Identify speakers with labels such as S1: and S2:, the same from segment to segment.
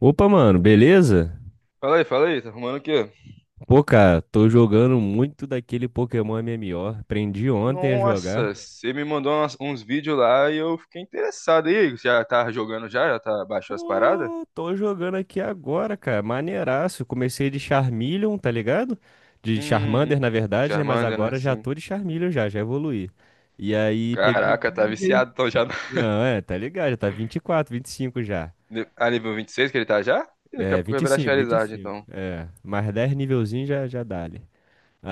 S1: Opa, mano, beleza?
S2: Fala aí, tá arrumando o quê?
S1: Pô, cara, tô jogando muito daquele Pokémon MMO. Aprendi ontem a jogar.
S2: Nossa, você me mandou uns vídeos lá e eu fiquei interessado. E aí, já tá jogando já? Já tá, baixou as paradas?
S1: Pô, tô jogando aqui agora, cara. Maneiraço. Comecei de Charmeleon, tá ligado? De
S2: Uhum.
S1: Charmander, na verdade, né? Mas
S2: Charmander, né?
S1: agora já
S2: Sim.
S1: tô de Charmeleon já, já evoluí. E aí, peguei
S2: Caraca, tá
S1: Pidgey.
S2: viciado então já.
S1: Não, é, tá ligado, já tá vinte e quatro, 25 já.
S2: A nível 26 que ele tá já? Ih, daqui a
S1: É,
S2: pouco
S1: vinte
S2: vai
S1: vinte e
S2: virar
S1: cinco, vinte e
S2: Charizard,
S1: cinco.
S2: então.
S1: É, mais 10 nivelzinho já, já dá ali.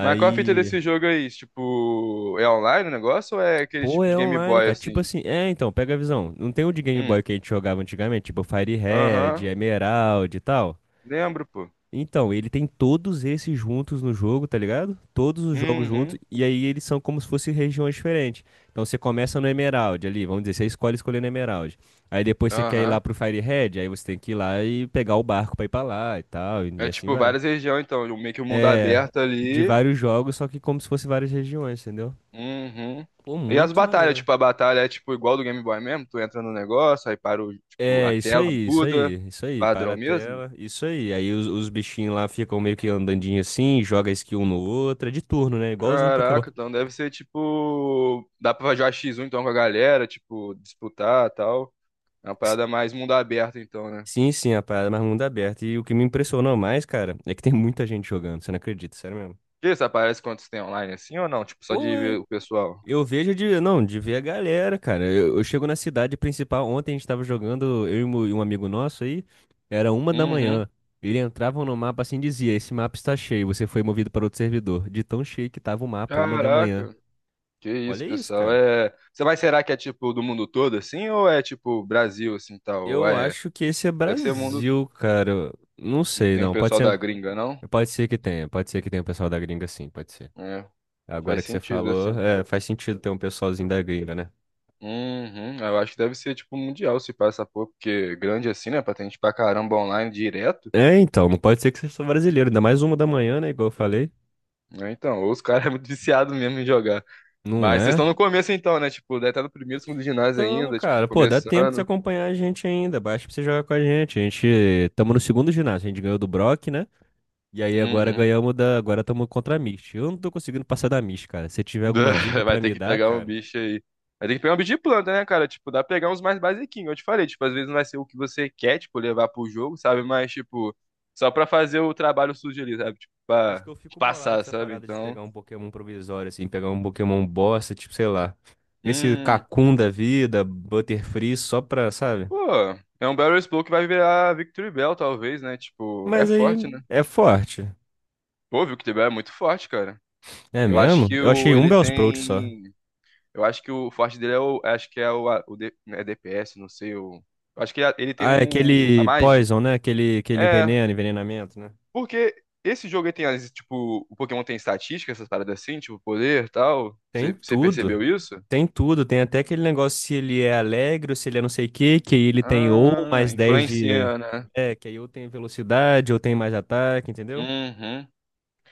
S2: Mas qual a fita desse jogo aí? Tipo, é online o negócio ou é aquele
S1: Pô,
S2: tipo de
S1: é
S2: Game
S1: online,
S2: Boy
S1: cara. Tipo
S2: assim?
S1: assim, é, então, pega a visão. Não tem o de Game Boy
S2: Hum.
S1: que a gente jogava antigamente, tipo Fire Red,
S2: Aham.
S1: Emerald e tal.
S2: Lembro, pô.
S1: Então, ele tem todos esses juntos no jogo, tá ligado? Todos os jogos juntos,
S2: Uhum.
S1: e aí eles são como se fossem regiões diferentes. Então você começa no Emerald ali, vamos dizer, você escolher Emerald. Aí depois você quer ir lá
S2: Aham.
S1: pro Fire Red, aí você tem que ir lá e pegar o barco pra ir pra lá e tal, e
S2: É
S1: e assim
S2: tipo
S1: vai.
S2: várias regiões, então. Meio que o mundo
S1: É,
S2: aberto
S1: de
S2: ali.
S1: vários jogos, só que como se fosse várias regiões, entendeu?
S2: Uhum.
S1: Pô,
S2: E as
S1: muito
S2: batalhas,
S1: maneiro.
S2: tipo, a batalha é tipo igual do Game Boy mesmo, tu entra no negócio, aí para o, tipo, a
S1: É, isso
S2: tela
S1: aí, isso
S2: muda,
S1: aí, isso aí,
S2: padrão
S1: para a
S2: mesmo.
S1: tela, isso aí. Aí os bichinhos lá ficam meio que andandinho assim, joga skill um no outro, é de turno, né? Igualzinho Pokémon.
S2: Caraca, então deve ser tipo, dá pra jogar X1 então com a galera, tipo, disputar, tal. É uma
S1: S-
S2: parada mais mundo aberto então, né?
S1: Sim, sim, a parada é mais mundo aberto. E o que me impressionou mais, cara, é que tem muita gente jogando, você não acredita, sério mesmo.
S2: Que isso aparece quando você tem online assim ou não? Tipo, só
S1: Pô,
S2: de ver o pessoal.
S1: eu vejo de, não, de ver a galera, cara. Eu chego na cidade principal, ontem a gente tava jogando, eu e e um amigo nosso aí, era uma da
S2: Uhum.
S1: manhã. Ele entrava no mapa assim e dizia: Esse mapa está cheio, você foi movido para outro servidor. De tão cheio que tava o mapa, 1 da manhã.
S2: Caraca. Que isso,
S1: Olha isso,
S2: pessoal.
S1: cara.
S2: É, você vai será que é tipo do mundo todo assim ou é tipo Brasil assim, tal? Ou
S1: Eu
S2: é,
S1: acho que esse é
S2: deve ser mundo.
S1: Brasil, cara. Não
S2: Não
S1: sei,
S2: tem o
S1: não.
S2: pessoal da gringa, não?
S1: Pode ser que tenha. Pode ser que tenha um pessoal da gringa, sim, pode ser.
S2: É, faz
S1: Agora que você
S2: sentido,
S1: falou,
S2: assim.
S1: é, faz sentido ter um pessoalzinho da gringa, né?
S2: Uhum, eu acho que deve ser, tipo, mundial se passa por, porque grande assim, né? Pra ter gente pra caramba online direto,
S1: É, então, não pode ser que seja só brasileiro. Ainda mais 1 da manhã, né? Igual eu falei.
S2: né? Então, ou os caras é muito viciado mesmo em jogar.
S1: Não
S2: Mas vocês
S1: é?
S2: estão no começo então, né? Tipo, deve estar no primeiro, segundo ginásio
S1: Tamo,
S2: ainda, tipo,
S1: cara. Pô, dá tempo de você
S2: começando.
S1: acompanhar a gente ainda. Baixa pra você jogar com a gente. A gente tamo no segundo ginásio. A gente ganhou do Brock, né? E aí agora
S2: Uhum.
S1: ganhamos da. Agora tamo contra a Mist. Eu não tô conseguindo passar da Mist, cara. Se tiver alguma dica
S2: Vai
S1: pra
S2: ter
S1: me
S2: que
S1: dar,
S2: pegar um
S1: cara.
S2: bicho aí. Vai ter que pegar um bicho de planta, né, cara? Tipo, dá pra pegar uns mais basiquinhos. Eu te falei, tipo, às vezes não vai ser o que você quer, tipo, levar pro jogo, sabe? Mas, tipo, só pra fazer o trabalho sujo ali, sabe? Tipo,
S1: Eu acho
S2: pra
S1: que eu fico bolado com
S2: passar,
S1: essa
S2: sabe?
S1: parada de
S2: Então,
S1: pegar um Pokémon provisório, assim, pegar um Pokémon bosta, tipo, sei lá. Esse
S2: hum,
S1: Kakun da vida, Butterfree, só pra, sabe?
S2: pô, é um Battle Explode que vai virar Victory Bell, talvez, né? Tipo, é
S1: Mas aí
S2: forte, né?
S1: é forte.
S2: Pô, o Victory Bell é muito forte, cara.
S1: É
S2: Eu acho
S1: mesmo?
S2: que
S1: Eu achei
S2: o,
S1: um
S2: ele
S1: Bellsprout só.
S2: tem. Eu acho que o forte dele é o. Acho que é o. É DPS, não sei. O, eu acho que ele tem
S1: Ah, é
S2: um. A
S1: aquele
S2: magia.
S1: Poison, né? Aquele
S2: É,
S1: veneno, envenenamento, né?
S2: porque esse jogo aí tem, tipo, o Pokémon tem estatística, essas paradas assim, tipo, poder e tal.
S1: Tem
S2: Você
S1: tudo.
S2: percebeu isso?
S1: Tem tudo. Tem até aquele negócio se ele é alegre ou se ele é não sei o quê, que aí ele tem ou
S2: Ah,
S1: mais 10 de.
S2: influencia, né?
S1: É, que aí ou tem velocidade ou tem mais ataque, entendeu?
S2: Uhum.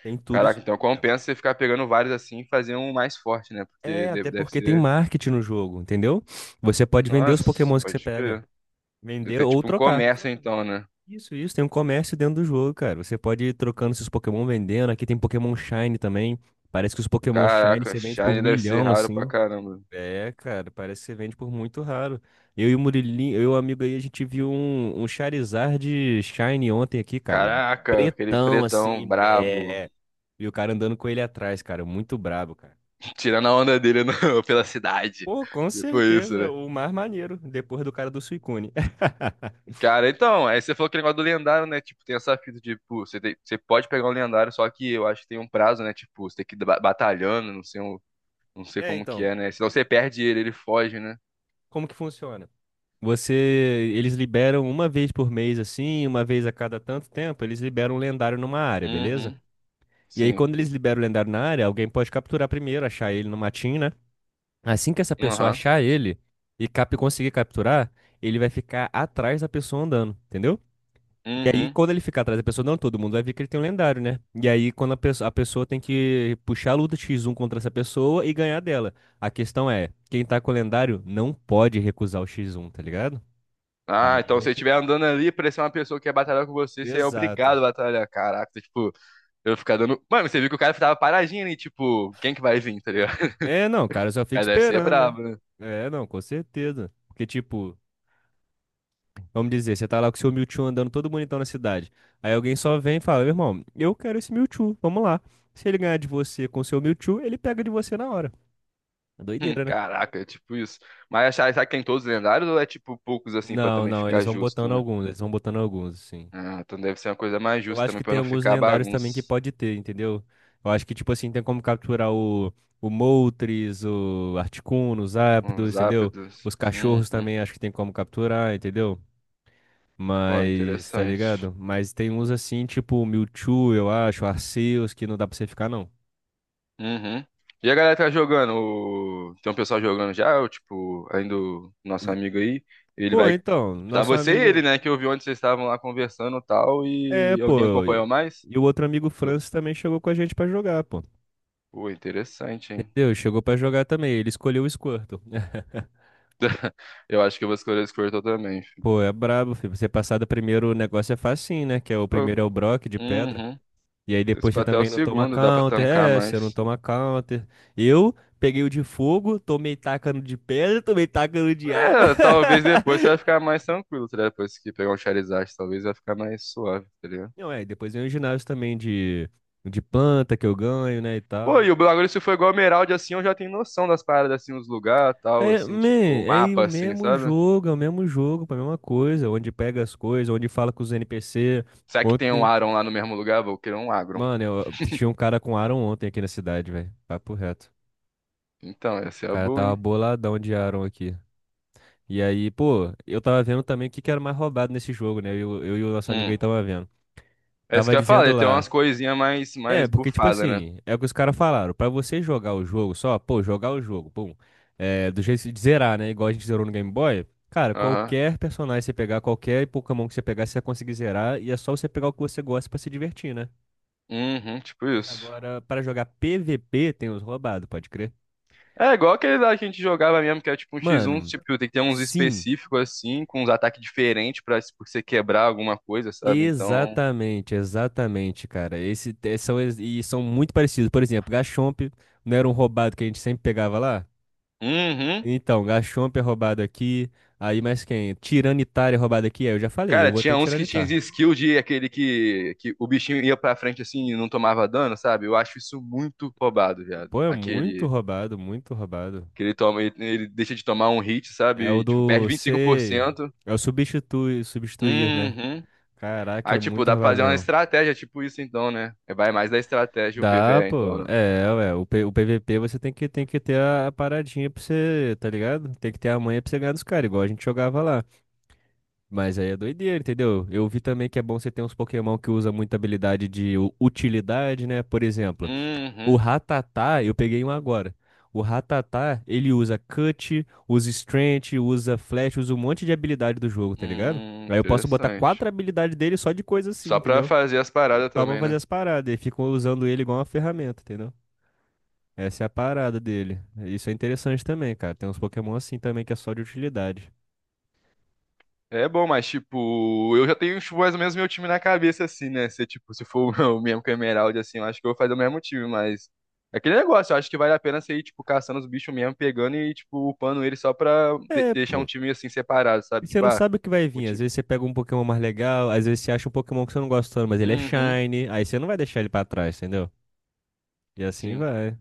S1: Tem tudo
S2: Caraca,
S1: isso.
S2: então compensa você ficar pegando vários assim e fazer um mais forte, né? Porque
S1: É,
S2: deve,
S1: até
S2: deve
S1: porque tem
S2: ser.
S1: marketing no jogo, entendeu? Você pode vender os
S2: Nossa,
S1: Pokémons que você
S2: pode
S1: pega.
S2: crer. Deve
S1: Vender
S2: ser
S1: ou
S2: tipo um
S1: trocar.
S2: comércio, então, né?
S1: Isso, isso. Tem um comércio dentro do jogo, cara. Você pode ir trocando seus Pokémon, vendendo. Aqui tem Pokémon Shine também. Parece que os Pokémon Shine
S2: Caraca,
S1: você vende por
S2: Shine deve ser
S1: milhão,
S2: raro pra
S1: assim.
S2: caramba.
S1: É, cara, parece que você vende por muito raro. Eu e o Murilinho, eu e o amigo aí, a gente viu um Charizard Shine ontem aqui, cara.
S2: Caraca, aquele
S1: Pretão,
S2: pretão
S1: assim.
S2: brabo.
S1: É. E o cara andando com ele atrás, cara. Muito brabo, cara.
S2: Tirando a onda dele pela cidade.
S1: Pô, com
S2: Tipo isso,
S1: certeza,
S2: né?
S1: o mais maneiro, depois do cara do Suicune.
S2: Cara, então, aí você falou aquele negócio do lendário, né? Tipo, tem essa fita, tipo, você pode pegar um lendário, só que eu acho que tem um prazo, né? Tipo, você tem que ir batalhando, não sei, não sei
S1: É,
S2: como que
S1: então,
S2: é, né? Senão você perde ele, ele foge, né?
S1: como que funciona? Você, eles liberam uma vez por mês, assim, uma vez a cada tanto tempo, eles liberam um lendário numa área, beleza?
S2: Uhum,
S1: E aí,
S2: sim.
S1: quando eles liberam o lendário na área, alguém pode capturar primeiro, achar ele no matinho, né? Assim que essa pessoa
S2: Aham,
S1: achar ele e cap conseguir capturar, ele vai ficar atrás da pessoa andando, entendeu? E aí,
S2: uhum.
S1: quando ele ficar atrás da pessoa, não, todo mundo vai ver que ele tem um lendário, né? E aí, quando a pessoa tem que puxar a luta X1 contra essa pessoa e ganhar dela. A questão é, quem tá com o lendário não pode recusar o X1, tá ligado?
S2: Ah, então
S1: Aí
S2: se
S1: é
S2: você
S1: que
S2: estiver
S1: tá.
S2: andando ali, parecer uma pessoa que quer batalhar com você, você é
S1: Exato.
S2: obrigado a batalhar. Caraca, tipo, eu ficar dando. Mano, você viu que o cara tava paradinho ali, tipo, quem que vai vir, tá ligado?
S1: É, não, cara, eu só
S2: O
S1: fica
S2: cara deve ser
S1: esperando, né?
S2: brabo, né?
S1: É, não, com certeza. Porque, tipo, vamos dizer, você tá lá com o seu Mewtwo andando todo bonitão na cidade. Aí alguém só vem e fala, meu irmão, eu quero esse Mewtwo, vamos lá. Se ele ganhar de você com o seu Mewtwo, ele pega de você na hora. É doideira, né?
S2: Caraca, é tipo isso. Mas achar que tem todos lendários ou é tipo poucos assim pra
S1: Não,
S2: também
S1: não, eles
S2: ficar
S1: vão
S2: justo,
S1: botando
S2: né?
S1: alguns, eles vão botando alguns, assim.
S2: Ah, então deve ser uma coisa mais
S1: Eu
S2: justa
S1: acho
S2: também
S1: que
S2: pra
S1: tem
S2: não
S1: alguns
S2: ficar
S1: lendários também que
S2: bagunça.
S1: pode ter, entendeu? Eu acho que, tipo assim, tem como capturar o Moltres, o Articuno, os Zapdos,
S2: Os
S1: entendeu?
S2: ápidos.
S1: Os cachorros
S2: Uhum.
S1: também acho que tem como capturar, entendeu?
S2: Pô,
S1: Mas, tá
S2: interessante.
S1: ligado? Mas tem uns assim, tipo o Mewtwo, eu acho, o Arceus, que não dá pra você ficar, não.
S2: Uhum. E a galera tá jogando? Tem um pessoal jogando já? Ou, tipo, ainda o nosso amigo aí, ele
S1: Pô,
S2: vai.
S1: então,
S2: Tá
S1: nosso
S2: você e ele,
S1: amigo.
S2: né? Que eu vi onde vocês estavam lá conversando e tal.
S1: É,
S2: E alguém
S1: pô.
S2: acompanhou mais?
S1: E o outro amigo Francis também chegou com a gente pra jogar, pô.
S2: Pô, interessante, hein?
S1: Entendeu? Chegou pra jogar também. Ele escolheu o Squirtle.
S2: Eu acho que eu vou escolher o Squirtle também, filho.
S1: Pô, é brabo, filho. Você passar do primeiro negócio é facinho, né? Que é o
S2: Pô,
S1: primeiro é o Brock de pedra.
S2: uhum.
S1: E aí
S2: Esse
S1: depois
S2: pra
S1: você
S2: até o
S1: também não toma
S2: segundo, dá pra
S1: counter.
S2: tancar
S1: É, você não
S2: mais.
S1: toma counter. Eu peguei o de fogo, tomei tacano de pedra, tomei tacano de água.
S2: É, talvez depois você vai ficar mais tranquilo, tá ligado? Depois que pegar um Charizard, talvez vai ficar mais suave, tá ligado?
S1: Não, é, e depois vem o ginásio também de planta que eu ganho, né, e
S2: Pô,
S1: tal.
S2: e o bagulho, se for igual Emerald, assim, eu já tenho noção das paradas, assim, os lugares, tal,
S1: É,
S2: assim,
S1: man,
S2: tipo, o
S1: é o
S2: mapa, assim,
S1: mesmo
S2: sabe?
S1: jogo, é o mesmo jogo, a mesma coisa, onde pega as coisas, onde fala com os NPC.
S2: Será que tem um
S1: Ontem
S2: Aron lá no mesmo lugar? Vou querer um Agron.
S1: Mano, eu tinha um cara com Aaron ontem aqui na cidade, velho. Papo reto.
S2: Então, essa é
S1: O
S2: a
S1: cara
S2: boa,
S1: tava
S2: hein?
S1: boladão de Aaron aqui. E aí, pô, eu tava vendo também o que que era mais roubado nesse jogo, né? Eu e o nosso amigo aí
S2: Hum.
S1: tava vendo.
S2: É isso
S1: Tava
S2: que eu ia falar, ia
S1: dizendo
S2: ter
S1: lá.
S2: umas coisinhas mais,
S1: É,
S2: mais
S1: porque, tipo
S2: bufadas, né?
S1: assim, é o que os caras falaram. Pra você jogar o jogo só, pô, jogar o jogo, pum. É, do jeito de zerar, né? Igual a gente zerou no Game Boy. Cara,
S2: Aham.
S1: qualquer personagem que você pegar, qualquer Pokémon que você pegar, você vai conseguir zerar. E é só você pegar o que você gosta pra se divertir, né?
S2: Uhum, tipo
S1: Mas
S2: isso.
S1: agora, pra jogar PVP, tem os roubados, pode crer.
S2: É igual aquele lá que a gente jogava mesmo, que é tipo um X1,
S1: Mano,
S2: tipo, tem que ter uns
S1: sim,
S2: específicos assim, com uns ataques diferentes pra pra você quebrar alguma coisa, sabe? Então.
S1: exatamente, exatamente, cara. Esse, te- são, ex- e são muito parecidos. Por exemplo, Gachomp não era um roubado que a gente sempre pegava lá?
S2: Uhum.
S1: Então, Gachomp é roubado aqui, aí mais quem? Tiranitar é roubado aqui? É, eu já falei,
S2: Cara,
S1: eu vou ter
S2: tinha
S1: um
S2: uns que tinham
S1: Tiranitar.
S2: skill de aquele que o bichinho ia pra frente assim e não tomava dano, sabe? Eu acho isso muito roubado, viado.
S1: Pô, é muito
S2: Aquele
S1: roubado, muito roubado.
S2: que ele toma, ele deixa de tomar um hit,
S1: É
S2: sabe?
S1: o
S2: E, tipo, perde
S1: do C.
S2: 25%.
S1: É o substituir, substituir, né?
S2: Uhum.
S1: Caraca,
S2: Aí,
S1: é
S2: tipo,
S1: muito
S2: dá pra
S1: roubado
S2: fazer uma
S1: mesmo.
S2: estratégia, tipo isso então, né? Vai mais da estratégia o
S1: Dá,
S2: PvE, então,
S1: pô.
S2: né?
S1: É, ué, o PVP você tem que ter a paradinha pra você, tá ligado? Tem que ter a manha pra você ganhar dos caras, igual a gente jogava lá. Mas aí é doideira, entendeu? Eu vi também que é bom você ter uns Pokémon que usa muita habilidade de utilidade, né? Por exemplo, o
S2: Uhum.
S1: Rattata, eu peguei um agora. O Rattata, ele usa Cut, usa Strength, usa Flash, usa um monte de habilidade do jogo, tá ligado? Aí eu posso botar
S2: Interessante.
S1: quatro habilidades dele só de coisa assim,
S2: Só pra
S1: entendeu?
S2: fazer as paradas
S1: Só pra
S2: também,
S1: fazer
S2: né?
S1: as paradas. E ficam usando ele igual uma ferramenta, entendeu? Essa é a parada dele. Isso é interessante também, cara. Tem uns Pokémon assim também que é só de utilidade.
S2: É bom, mas tipo, eu já tenho tipo, mais ou menos meu time na cabeça, assim, né? Se, tipo, se for o mesmo com a Emerald, assim, eu acho que eu vou fazer o mesmo time, mas. É aquele negócio, eu acho que vale a pena você ir, tipo, caçando os bichos mesmo, pegando e, tipo, upando ele só pra
S1: É,
S2: deixar um
S1: pô.
S2: time assim separado,
S1: E
S2: sabe?
S1: você
S2: Tipo,
S1: não
S2: ah,
S1: sabe o que vai
S2: um
S1: vir. Às
S2: time.
S1: vezes você pega um Pokémon mais legal, às vezes você acha um Pokémon que você não gosta tanto, mas ele é
S2: Uhum,
S1: shiny. Aí você não vai deixar ele pra trás, entendeu? E assim
S2: sim.
S1: vai.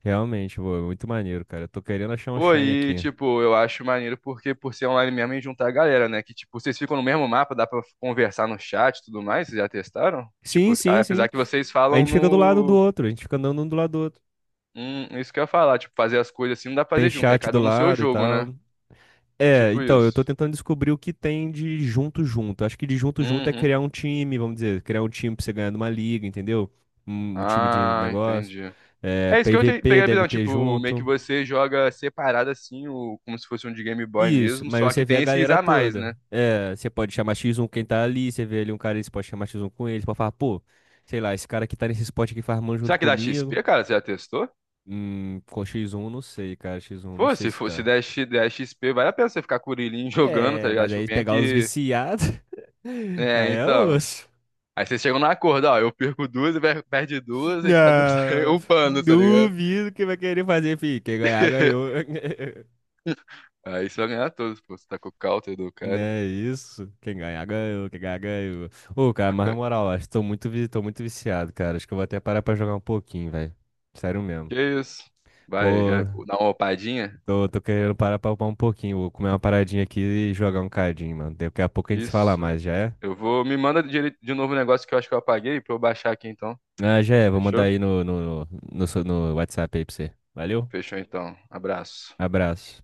S1: Realmente, pô, é muito maneiro, cara. Eu tô querendo achar um
S2: Pô,
S1: shiny
S2: e,
S1: aqui.
S2: tipo, eu acho maneiro porque por ser online mesmo e juntar a galera, né? Que, tipo, vocês ficam no mesmo mapa, dá pra conversar no chat e tudo mais, vocês já testaram? Tipo,
S1: Sim, sim,
S2: apesar
S1: sim.
S2: que vocês
S1: A
S2: falam
S1: gente fica do lado um do
S2: no...
S1: outro, a gente fica andando um do lado do outro.
S2: Isso que eu ia falar, tipo, fazer as coisas assim não dá pra
S1: Tem
S2: fazer junto, é
S1: chat
S2: cada
S1: do
S2: um no seu
S1: lado e
S2: jogo, né?
S1: tal. É,
S2: Tipo
S1: então, eu tô
S2: isso.
S1: tentando descobrir o que tem de junto junto. Acho que de junto junto é
S2: Uhum.
S1: criar um time, vamos dizer, criar um time pra você ganhar numa liga, entendeu? Um time de
S2: Ah,
S1: negócio.
S2: entendi.
S1: É,
S2: É isso que eu
S1: PVP
S2: peguei a
S1: deve
S2: visão,
S1: ter
S2: tipo, meio que
S1: junto.
S2: você joga separado assim, como se fosse um de Game Boy
S1: Isso,
S2: mesmo,
S1: mas
S2: só que
S1: você vê a
S2: tem esses
S1: galera
S2: a mais,
S1: toda.
S2: né?
S1: É, você pode chamar X1 quem tá ali, você vê ali um cara, você pode chamar X1 com ele, você pode falar, pô, sei lá, esse cara que tá nesse spot aqui farmando junto
S2: Será que dá
S1: comigo.
S2: XP, cara? Você já testou?
S1: Com X1 não sei, cara, X1 não
S2: Pô,
S1: sei
S2: se
S1: se
S2: for, se
S1: dá.
S2: der, X- der XP, vale a pena você ficar com o Urilinho jogando, tá
S1: É,
S2: ligado?
S1: mas
S2: Tipo,
S1: aí
S2: bem
S1: pegar os
S2: que.
S1: viciados,
S2: É,
S1: aí é
S2: então.
S1: osso.
S2: Aí vocês chegam no acordo, ó. Eu perco duas, e perde duas, e cada um sai
S1: Ah,
S2: upando, tá ligado?
S1: duvido que vai querer fazer, filho. Quem ganhar, ganhou.
S2: Aí você vai ganhar todos, pô. Você tá com o counter do cara.
S1: Né isso? Quem ganhar, ganhou. Quem ganhar, ganhou. Ô, cara, mas na moral, acho que tô muito viciado, cara. Acho que eu vou até parar pra jogar um pouquinho, velho. Sério mesmo.
S2: Que isso? Vai, já
S1: Pô,
S2: dá uma opadinha?
S1: tô querendo parar pra upar um pouquinho. Vou comer uma paradinha aqui e jogar um cadinho, mano. Daqui a pouco a gente se fala
S2: Isso.
S1: mais, já é?
S2: Eu vou. Me manda de novo o negócio que eu acho que eu apaguei pra eu baixar aqui então.
S1: Ah, já é. Vou mandar
S2: Fechou?
S1: aí no WhatsApp aí pra você. Valeu?
S2: Fechou então. Abraço.
S1: Abraço.